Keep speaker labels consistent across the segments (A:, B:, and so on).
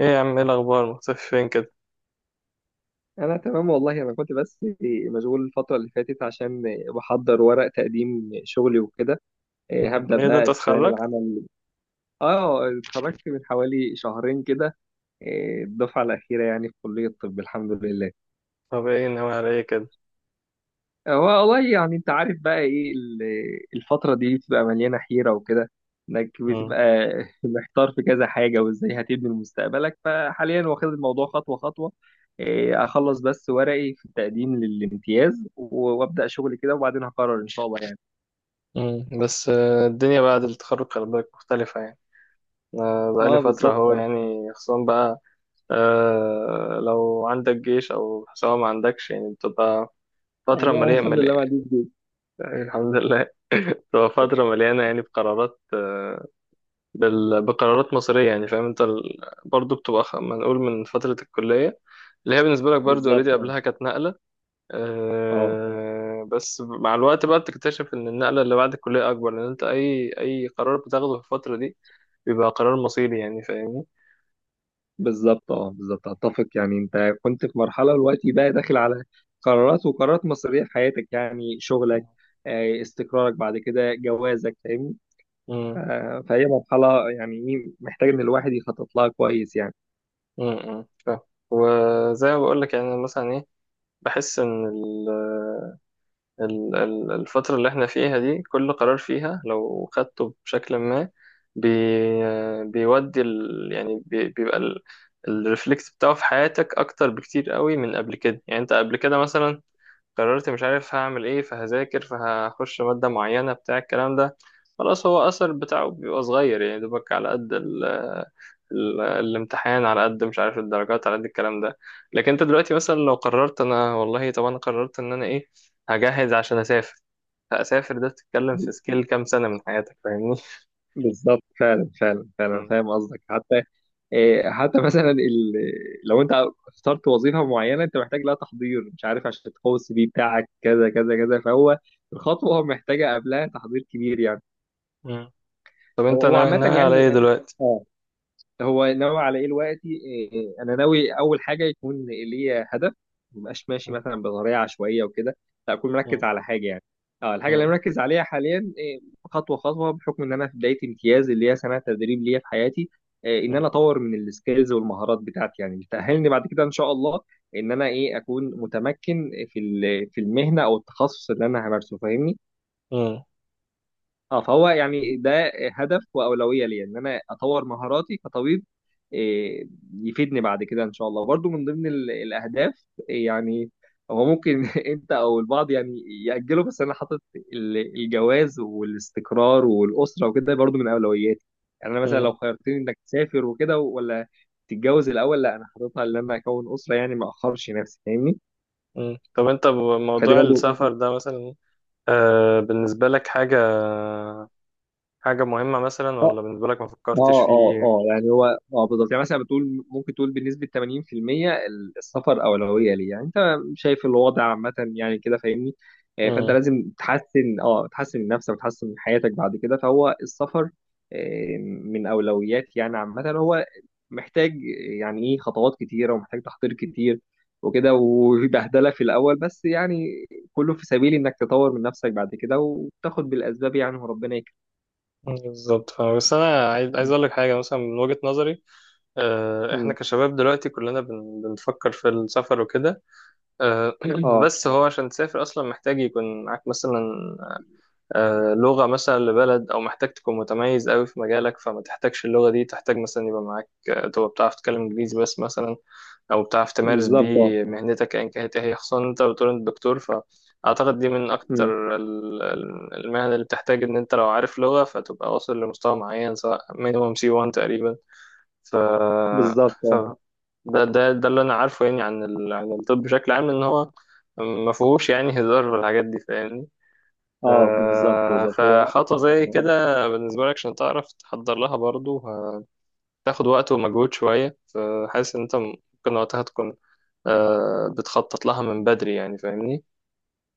A: ايه يا عم، ايه الاخبار؟ مختفي فين كده؟
B: انا تمام والله، انا كنت بس مشغول الفتره اللي فاتت عشان بحضر ورق تقديم شغلي وكده.
A: مم.
B: هبدا
A: ايه ده،
B: بقى
A: انت
B: استلام
A: اتخرجت؟
B: العمل. اه، اتخرجت من حوالي شهرين كده. الدفعه الاخيره يعني في كليه الطب، الحمد لله.
A: طب ايه ناوي على ايه كده؟
B: هو والله يعني انت عارف بقى ايه الفترة دي بتبقى مليانة حيرة وكده، انك بتبقى
A: مم.
B: محتار في كذا حاجة وازاي هتبني مستقبلك، فحاليا واخد الموضوع خطوة خطوة. اخلص بس ورقي في التقديم للامتياز وابدأ شغل كده وبعدين هقرر ان شاء الله يعني.
A: مم. بس الدنيا بعد التخرج خلي بالك مختلفة يعني. بقالي
B: اه،
A: فترة
B: بالظبط
A: اهو
B: اه.
A: يعني خصوصا بقى. لو عندك جيش او سواء ما عندكش يعني بتبقى فترة مليانة
B: الحمد لله ما
A: مليانة.
B: عنديش جيش.
A: الحمد لله. بتبقى فترة مليانة يعني بقرارات مصيرية يعني فاهم انت برضو بتبقى ما نقول من فترة الكلية اللي هي بالنسبة لك برضو
B: بالظبط
A: اوريدي
B: اه.
A: قبلها كانت نقلة.
B: اه،
A: أه بس مع الوقت بقى بتكتشف ان النقله اللي بعد الكليه اكبر لان انت اي قرار بتاخده في الفتره دي بيبقى قرار مصيري يعني فاهمني.
B: بالظبط اه. بالظبط اتفق، يعني انت كنت في مرحله دلوقتي بقى داخل على قرارات وقرارات مصيريه في حياتك، يعني شغلك،
A: امم،
B: استقرارك بعد كده، جوازك، فاهمني. ف-
A: امم.
B: فهي مرحله يعني ايه محتاج ان الواحد يخطط لها كويس يعني.
A: إمم، إمم، فاهم. وزي ما بقول لك يعني أنا مثلا ايه بحس ان الفترة اللي احنا فيها دي كل قرار فيها لو خدته بشكل ما بي بيودي يعني بيبقى الريفلكس بتاعه في حياتك أكتر بكتير قوي من قبل كده. يعني أنت قبل كده مثلا قررت مش عارف هعمل ايه فهذاكر فهخش مادة معينة بتاع الكلام ده، خلاص هو أثر بتاعه بيبقى صغير يعني دوبك على قد ال ال الامتحان، على قد مش عارف الدرجات على قد الكلام ده. لكن انت دلوقتي مثلا لو قررت انا والله، طب انا قررت ان انا ايه، هجهز عشان اسافر، فاسافر ده بتتكلم في سكيل كام سنة من حياتك فاهمني.
B: بالظبط، فعلا فعلا فعلا
A: مم.
B: فاهم قصدك. حتى حتى مثلا لو انت اخترت وظيفه معينه انت محتاج لها تحضير، مش عارف، عشان تقوي السي في بتاعك كذا كذا كذا، فهو الخطوه محتاجه قبلها تحضير كبير يعني.
A: مم. طب
B: هو
A: انت
B: هو عامه
A: ناوي على
B: يعني
A: ايه
B: اه.
A: دلوقتي؟
B: آه. هو ناوي على ايه دلوقتي؟ انا ناوي اول حاجه يكون ليا هدف، ما بقاش ماشي
A: مم.
B: مثلا بطريقه عشوائيه وكده، لا اكون
A: مم.
B: مركز على حاجه يعني. اه، الحاجه اللي أنا
A: مم.
B: مركز عليها حاليا خطوه خطوه، بحكم ان انا في بدايه امتياز اللي هي سنه تدريب ليا في حياتي. ان انا اطور من السكيلز والمهارات بتاعتي يعني، اللي تاهلني بعد كده ان شاء الله ان انا اكون متمكن في المهنه او التخصص اللي انا همارسه، فاهمني.
A: مم.
B: اه، فهو يعني ده هدف واولويه ليا ان انا اطور مهاراتي كطبيب. إيه، يفيدني بعد كده ان شاء الله. برضو من ضمن الاهداف، يعني هو ممكن انت او البعض يعني ياجله، بس انا حاطط الجواز والاستقرار والاسره وكده برضو من اولوياتي. يعني انا مثلا
A: مم.
B: لو خيرتني انك تسافر وكده ولا تتجوز الاول، لا، انا حاططها ان انا اكون اسره، يعني ما اخرش نفسي، فاهمني.
A: مم. طب انت
B: فدي
A: بموضوع
B: برضو.
A: السفر ده مثلا، بالنسبة لك حاجة مهمة مثلا، ولا بالنسبة لك ما فكرتش فيه؟
B: اه يعني هو اه، بالظبط. يعني مثلا بتقول، ممكن تقول، بنسبة 80% السفر أولوية ليه، يعني انت شايف الوضع عامة يعني كده، فاهمني. فانت
A: مم.
B: لازم تحسن من نفسك وتحسن من حياتك بعد كده. فهو السفر من أولويات يعني عامة. هو محتاج يعني ايه، خطوات كتيرة ومحتاج تحضير كتير وكده وبهدلة في الأول، بس يعني كله في سبيل إنك تطور من نفسك بعد كده وتاخد بالأسباب يعني، وربنا يكرمك.
A: بالظبط فاهم. بس أنا عايز أقول لك حاجة مثلا من وجهة نظري. إحنا
B: م.
A: كشباب دلوقتي كلنا بنفكر في السفر وكده. آه
B: اه،
A: بس هو عشان تسافر أصلا محتاج يكون معاك مثلا لغة مثلا لبلد، أو محتاج تكون متميز أوي في مجالك فما تحتاجش اللغة دي، تحتاج مثلا يبقى معاك تبقى بتعرف تتكلم إنجليزي بس مثلا، أو بتعرف تمارس
B: بالظبط. آه.
A: بيه مهنتك أيا كانت إيه هي، خصوصا إن أنت بتقول أنت دكتور، فأعتقد دي من
B: إمم،
A: أكتر المهن اللي بتحتاج إن أنت لو عارف لغة فتبقى واصل لمستوى معين، سواء مينيموم سي 1 تقريبا. ف...
B: بالضبط
A: ف...
B: آه.
A: ده اللي أنا عارفه يعني عن عن الطب بشكل عام، إن هو ما فيهوش يعني هزار في الحاجات دي فاهمني.
B: آه، بالضبط، بالضبط هو
A: فخطوة زي
B: آه،
A: كده بالنسبة لك عشان تعرف تحضر لها برضو هتاخد وقت ومجهود شوية، فحاسس إن أنت ممكن وقتها تكون بتخطط لها من بدري يعني، فاهمني؟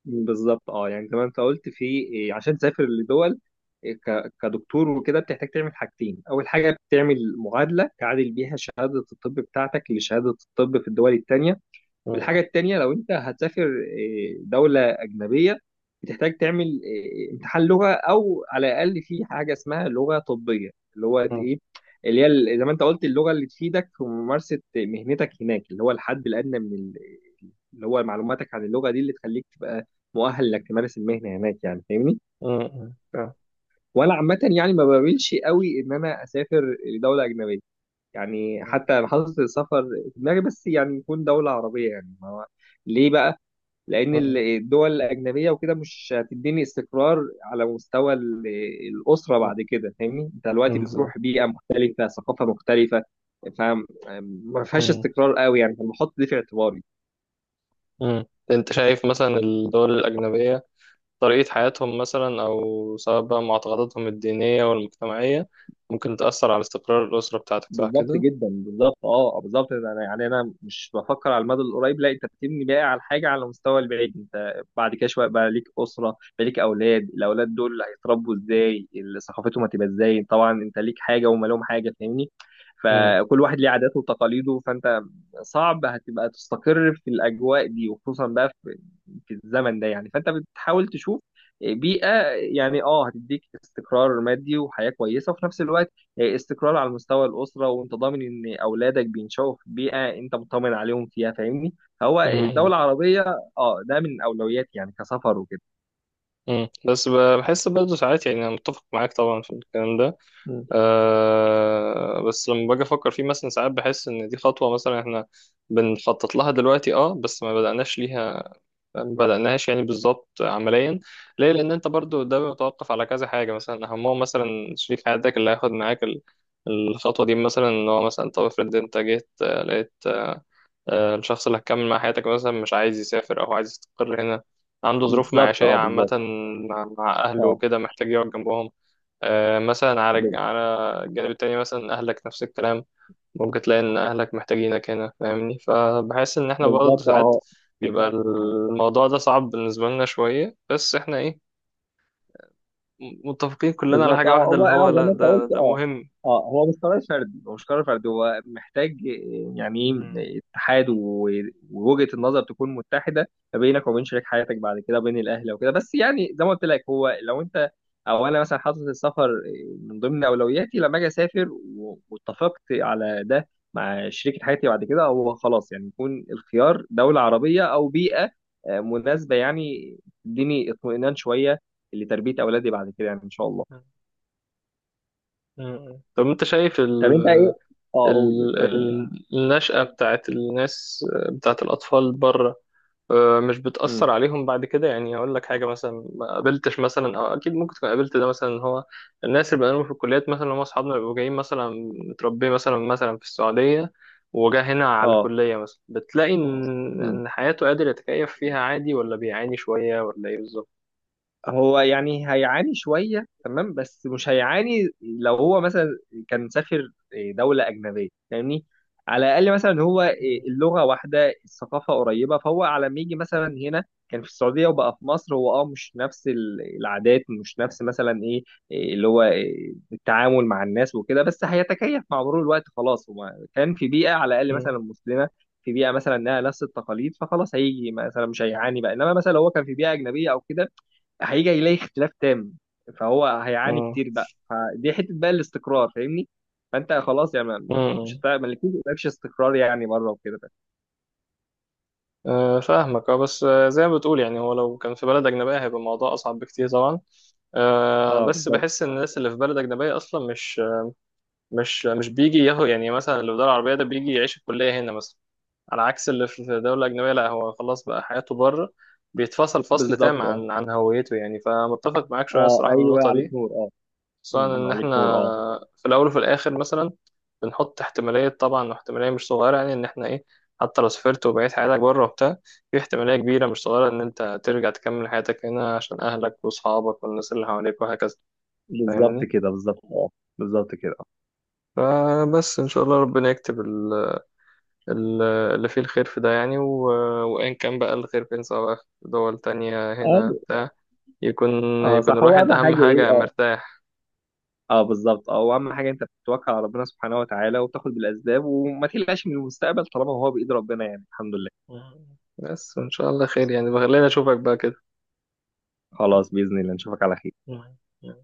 B: بالضبط آه. يعني زي ما أنت قُلت في عشان تسافر لدول، ك كدكتور وكده، بتحتاج تعمل حاجتين. أول حاجة بتعمل معادلة تعادل بيها شهادة الطب بتاعتك لشهادة الطب في الدول التانية.
A: مم.
B: والحاجة التانية لو أنت هتسافر دولة أجنبية، بتحتاج تعمل امتحان لغة، أو على الأقل في حاجة اسمها لغة طبية، اللي هو
A: مم.
B: اللي هي زي ما أنت قلت، اللغة اللي تفيدك في ممارسة مهنتك هناك، اللي هو الحد الأدنى من اللي هو معلوماتك عن اللغة دي، اللي تخليك تبقى مؤهل إنك تمارس المهنة هناك، يعني فاهمني؟
A: مم. فاهم.
B: وأنا عامة يعني ما بميلش قوي إن أنا أسافر لدولة أجنبية، يعني
A: مم.
B: حتى أنا حاطط السفر في دماغي، بس يعني يكون دولة عربية. يعني ما هو ليه بقى؟ لان
A: مم.
B: الدول الاجنبيه وكده مش هتديني استقرار على مستوى الاسره بعد كده، فاهمني؟ انت
A: مم.
B: دلوقتي
A: بالظبط.
B: بتروح بيئه مختلفه، ثقافه مختلفه، فما فيهاش
A: مم.
B: استقرار قوي يعني، فبحط دي في اعتباري.
A: مم. أنت شايف مثلا الدول الأجنبية طريقة حياتهم مثلا، أو سواء بقى معتقداتهم الدينية والمجتمعية، ممكن تأثر على استقرار الأسرة بتاعتك صح
B: بالظبط
A: كده؟
B: جدا، بالظبط اه، بالظبط. انا يعني انا مش بفكر على المدى القريب، لا، انت بتبني بقى على حاجه على المستوى البعيد. انت بعد كده شويه بقى ليك اسره، بقى ليك اولاد، الاولاد دول هيتربوا ازاي؟ ثقافتهم هتبقى ازاي؟ طبعا انت ليك حاجه وهم لهم حاجه، فاهمني؟
A: مم.
B: فكل واحد ليه عاداته وتقاليده، فانت صعب هتبقى تستقر في الاجواء دي، وخصوصا بقى في الزمن ده يعني، فانت بتحاول تشوف بيئه يعني اه هتديك استقرار مادي وحياه كويسه، وفي نفس الوقت استقرار على مستوى الأسرة، وأنت ضامن إن أولادك بينشأوا في بيئة أنت مطمن عليهم فيها، فاهمني؟ فهو
A: مم.
B: الدولة العربية، أه، ده من أولوياتي يعني كسفر وكده.
A: مم. بس بحس برضه ساعات، يعني انا متفق معاك طبعا في الكلام ده.
B: مم.
A: أه بس لما باجي افكر فيه مثلا ساعات بحس ان دي خطوه مثلا احنا بنخطط لها دلوقتي، اه بس ما بدأناش ليها، ما بدأناهاش يعني بالظبط عمليا، ليه، لان انت برضه ده بيتوقف على كذا حاجه مثلا، اهمهم مثلا شريك حياتك اللي هياخد معاك الخطوه دي، مثلا ان هو مثلا طب افرض انت جيت لقيت الشخص اللي هتكمل مع حياتك مثلا مش عايز يسافر أو عايز يستقر هنا، عنده ظروف
B: بالظبط
A: معيشية
B: اه،
A: عامة
B: بالظبط
A: مع أهله
B: اه،
A: وكده محتاج يقعد جنبهم، مثلا
B: ب-
A: على الجانب التاني مثلا أهلك نفس الكلام، ممكن تلاقي إن أهلك محتاجينك هنا فاهمني، فبحس إن إحنا برضه
B: بالظبط
A: ساعات
B: اه،
A: بيبقى الموضوع ده صعب بالنسبة لنا شوية، بس إحنا إيه، متفقين كلنا على
B: بالظبط
A: حاجة
B: اه.
A: واحدة،
B: هو
A: اللي هو
B: اه، زي
A: لأ،
B: ما انت
A: ده
B: قلت،
A: ده
B: اه،
A: مهم
B: اه هو مش قرار فردي، هو مش قرار فردي، هو محتاج يعني
A: مهم.
B: ايه، اتحاد ووجهة النظر تكون متحدة ما بينك وبين شريك حياتك بعد كده، بين الأهل وكده. بس يعني زي ما قلت لك، هو لو انت او انا مثلا حاطط السفر من ضمن اولوياتي، لما اجي اسافر واتفقت على ده مع شريكة حياتي بعد كده، هو خلاص، يعني يكون الخيار دولة عربية او بيئة مناسبة، يعني تديني اطمئنان شوية لتربية اولادي بعد كده يعني ان شاء الله.
A: مهم. طب أنت شايف
B: طب انت ايه؟ اه، قول، تمام.
A: النشأة بتاعت الناس، بتاعت الأطفال بره، مش
B: امم.
A: بتأثر عليهم بعد كده؟ يعني أقول لك حاجة مثلا، ما قابلتش مثلا، أو أكيد ممكن تكون قابلت ده مثلا، إن هو الناس اللي بقالهم في الكليات مثلا هم أصحابنا بيبقوا جايين مثلا متربيين مثلا في السعودية، وجا هنا على
B: اه.
A: الكلية مثلا، بتلاقي إن
B: مم.
A: إن حياته قادر يتكيف فيها عادي، ولا بيعاني شوية، ولا إيه بالظبط؟
B: هو يعني هيعاني شوية، تمام، بس مش هيعاني لو هو مثلا كان سافر دولة أجنبية، فاهمني؟ على الأقل مثلا هو
A: مم.
B: اللغة واحدة، الثقافة قريبة، فهو على ما يجي مثلا هنا كان في السعودية وبقى في مصر، هو مش نفس العادات، مش نفس مثلا ايه إيه اللي هو التعامل مع الناس وكده، بس هيتكيف مع مرور الوقت. خلاص هو كان في بيئة على الأقل
A: مم.
B: مثلا مسلمة، في بيئة مثلا إنها نفس التقاليد، فخلاص هيجي مثلا مش هيعاني بقى. إنما مثلا لو هو كان في بيئة أجنبية أو كده، هيجي يلاقي اختلاف تام، فهو هيعاني
A: مم.
B: كتير بقى، فدي حته بقى الاستقرار، فاهمني؟ فانت خلاص يعني مش
A: مم.
B: هتع- ما لكيش استقرار يعني مره وكده بقى.
A: فاهمك اه، بس زي ما بتقول يعني، هو لو كان في بلد أجنبية هيبقى الموضوع أصعب بكتير طبعا،
B: اه،
A: بس
B: بالظبط،
A: بحس ان الناس اللي في بلد اجنبيه اصلا مش بيجي ياهو، يعني مثلا اللي في دوله عربيه ده بيجي يعيش الكليه هنا مثلا، على عكس اللي في دوله اجنبيه، لا هو خلاص بقى حياته بره، بيتفصل فصل تام
B: بالظبط اه.
A: عن هويته، يعني فمتفق معاك شويه
B: اه،
A: الصراحه من
B: ايوه،
A: النقطه
B: عليك
A: دي،
B: نور اه.
A: خصوصا
B: أمم،
A: ان احنا
B: عليك نور اه.
A: في الاول وفي الاخر مثلا بنحط احتماليه طبعا، واحتماليه مش صغيره يعني، ان احنا ايه، حتى لو سافرت وبقيت حياتك بره وبتاع، في احتماليه كبيره مش صغيره ان انت ترجع تكمل حياتك هنا عشان اهلك واصحابك والناس اللي حواليك، وهكذا
B: بالظبط
A: فاهمني.
B: كده، بالظبط اه، بالظبط كده
A: فبس إن شاء الله ربنا يكتب ال- اللي فيه الخير في ده يعني، وإن كان بقى الخير فين، سواء بقى في دول تانية هنا
B: اه.
A: بتاع، يكون
B: اه،
A: يكون
B: صح. هو
A: الواحد
B: اهم
A: أهم
B: حاجه ايه
A: حاجة
B: اه
A: مرتاح.
B: اه، بالظبط اه. واهم حاجه انت بتتوكل على ربنا سبحانه وتعالى، وبتاخد بالاسباب، وما تقلقش من المستقبل طالما هو بايد ربنا يعني، الحمد لله.
A: مم. بس وإن شاء الله خير يعني، بخليني أشوفك بقى كده.
B: خلاص، باذن الله نشوفك على خير.
A: مم.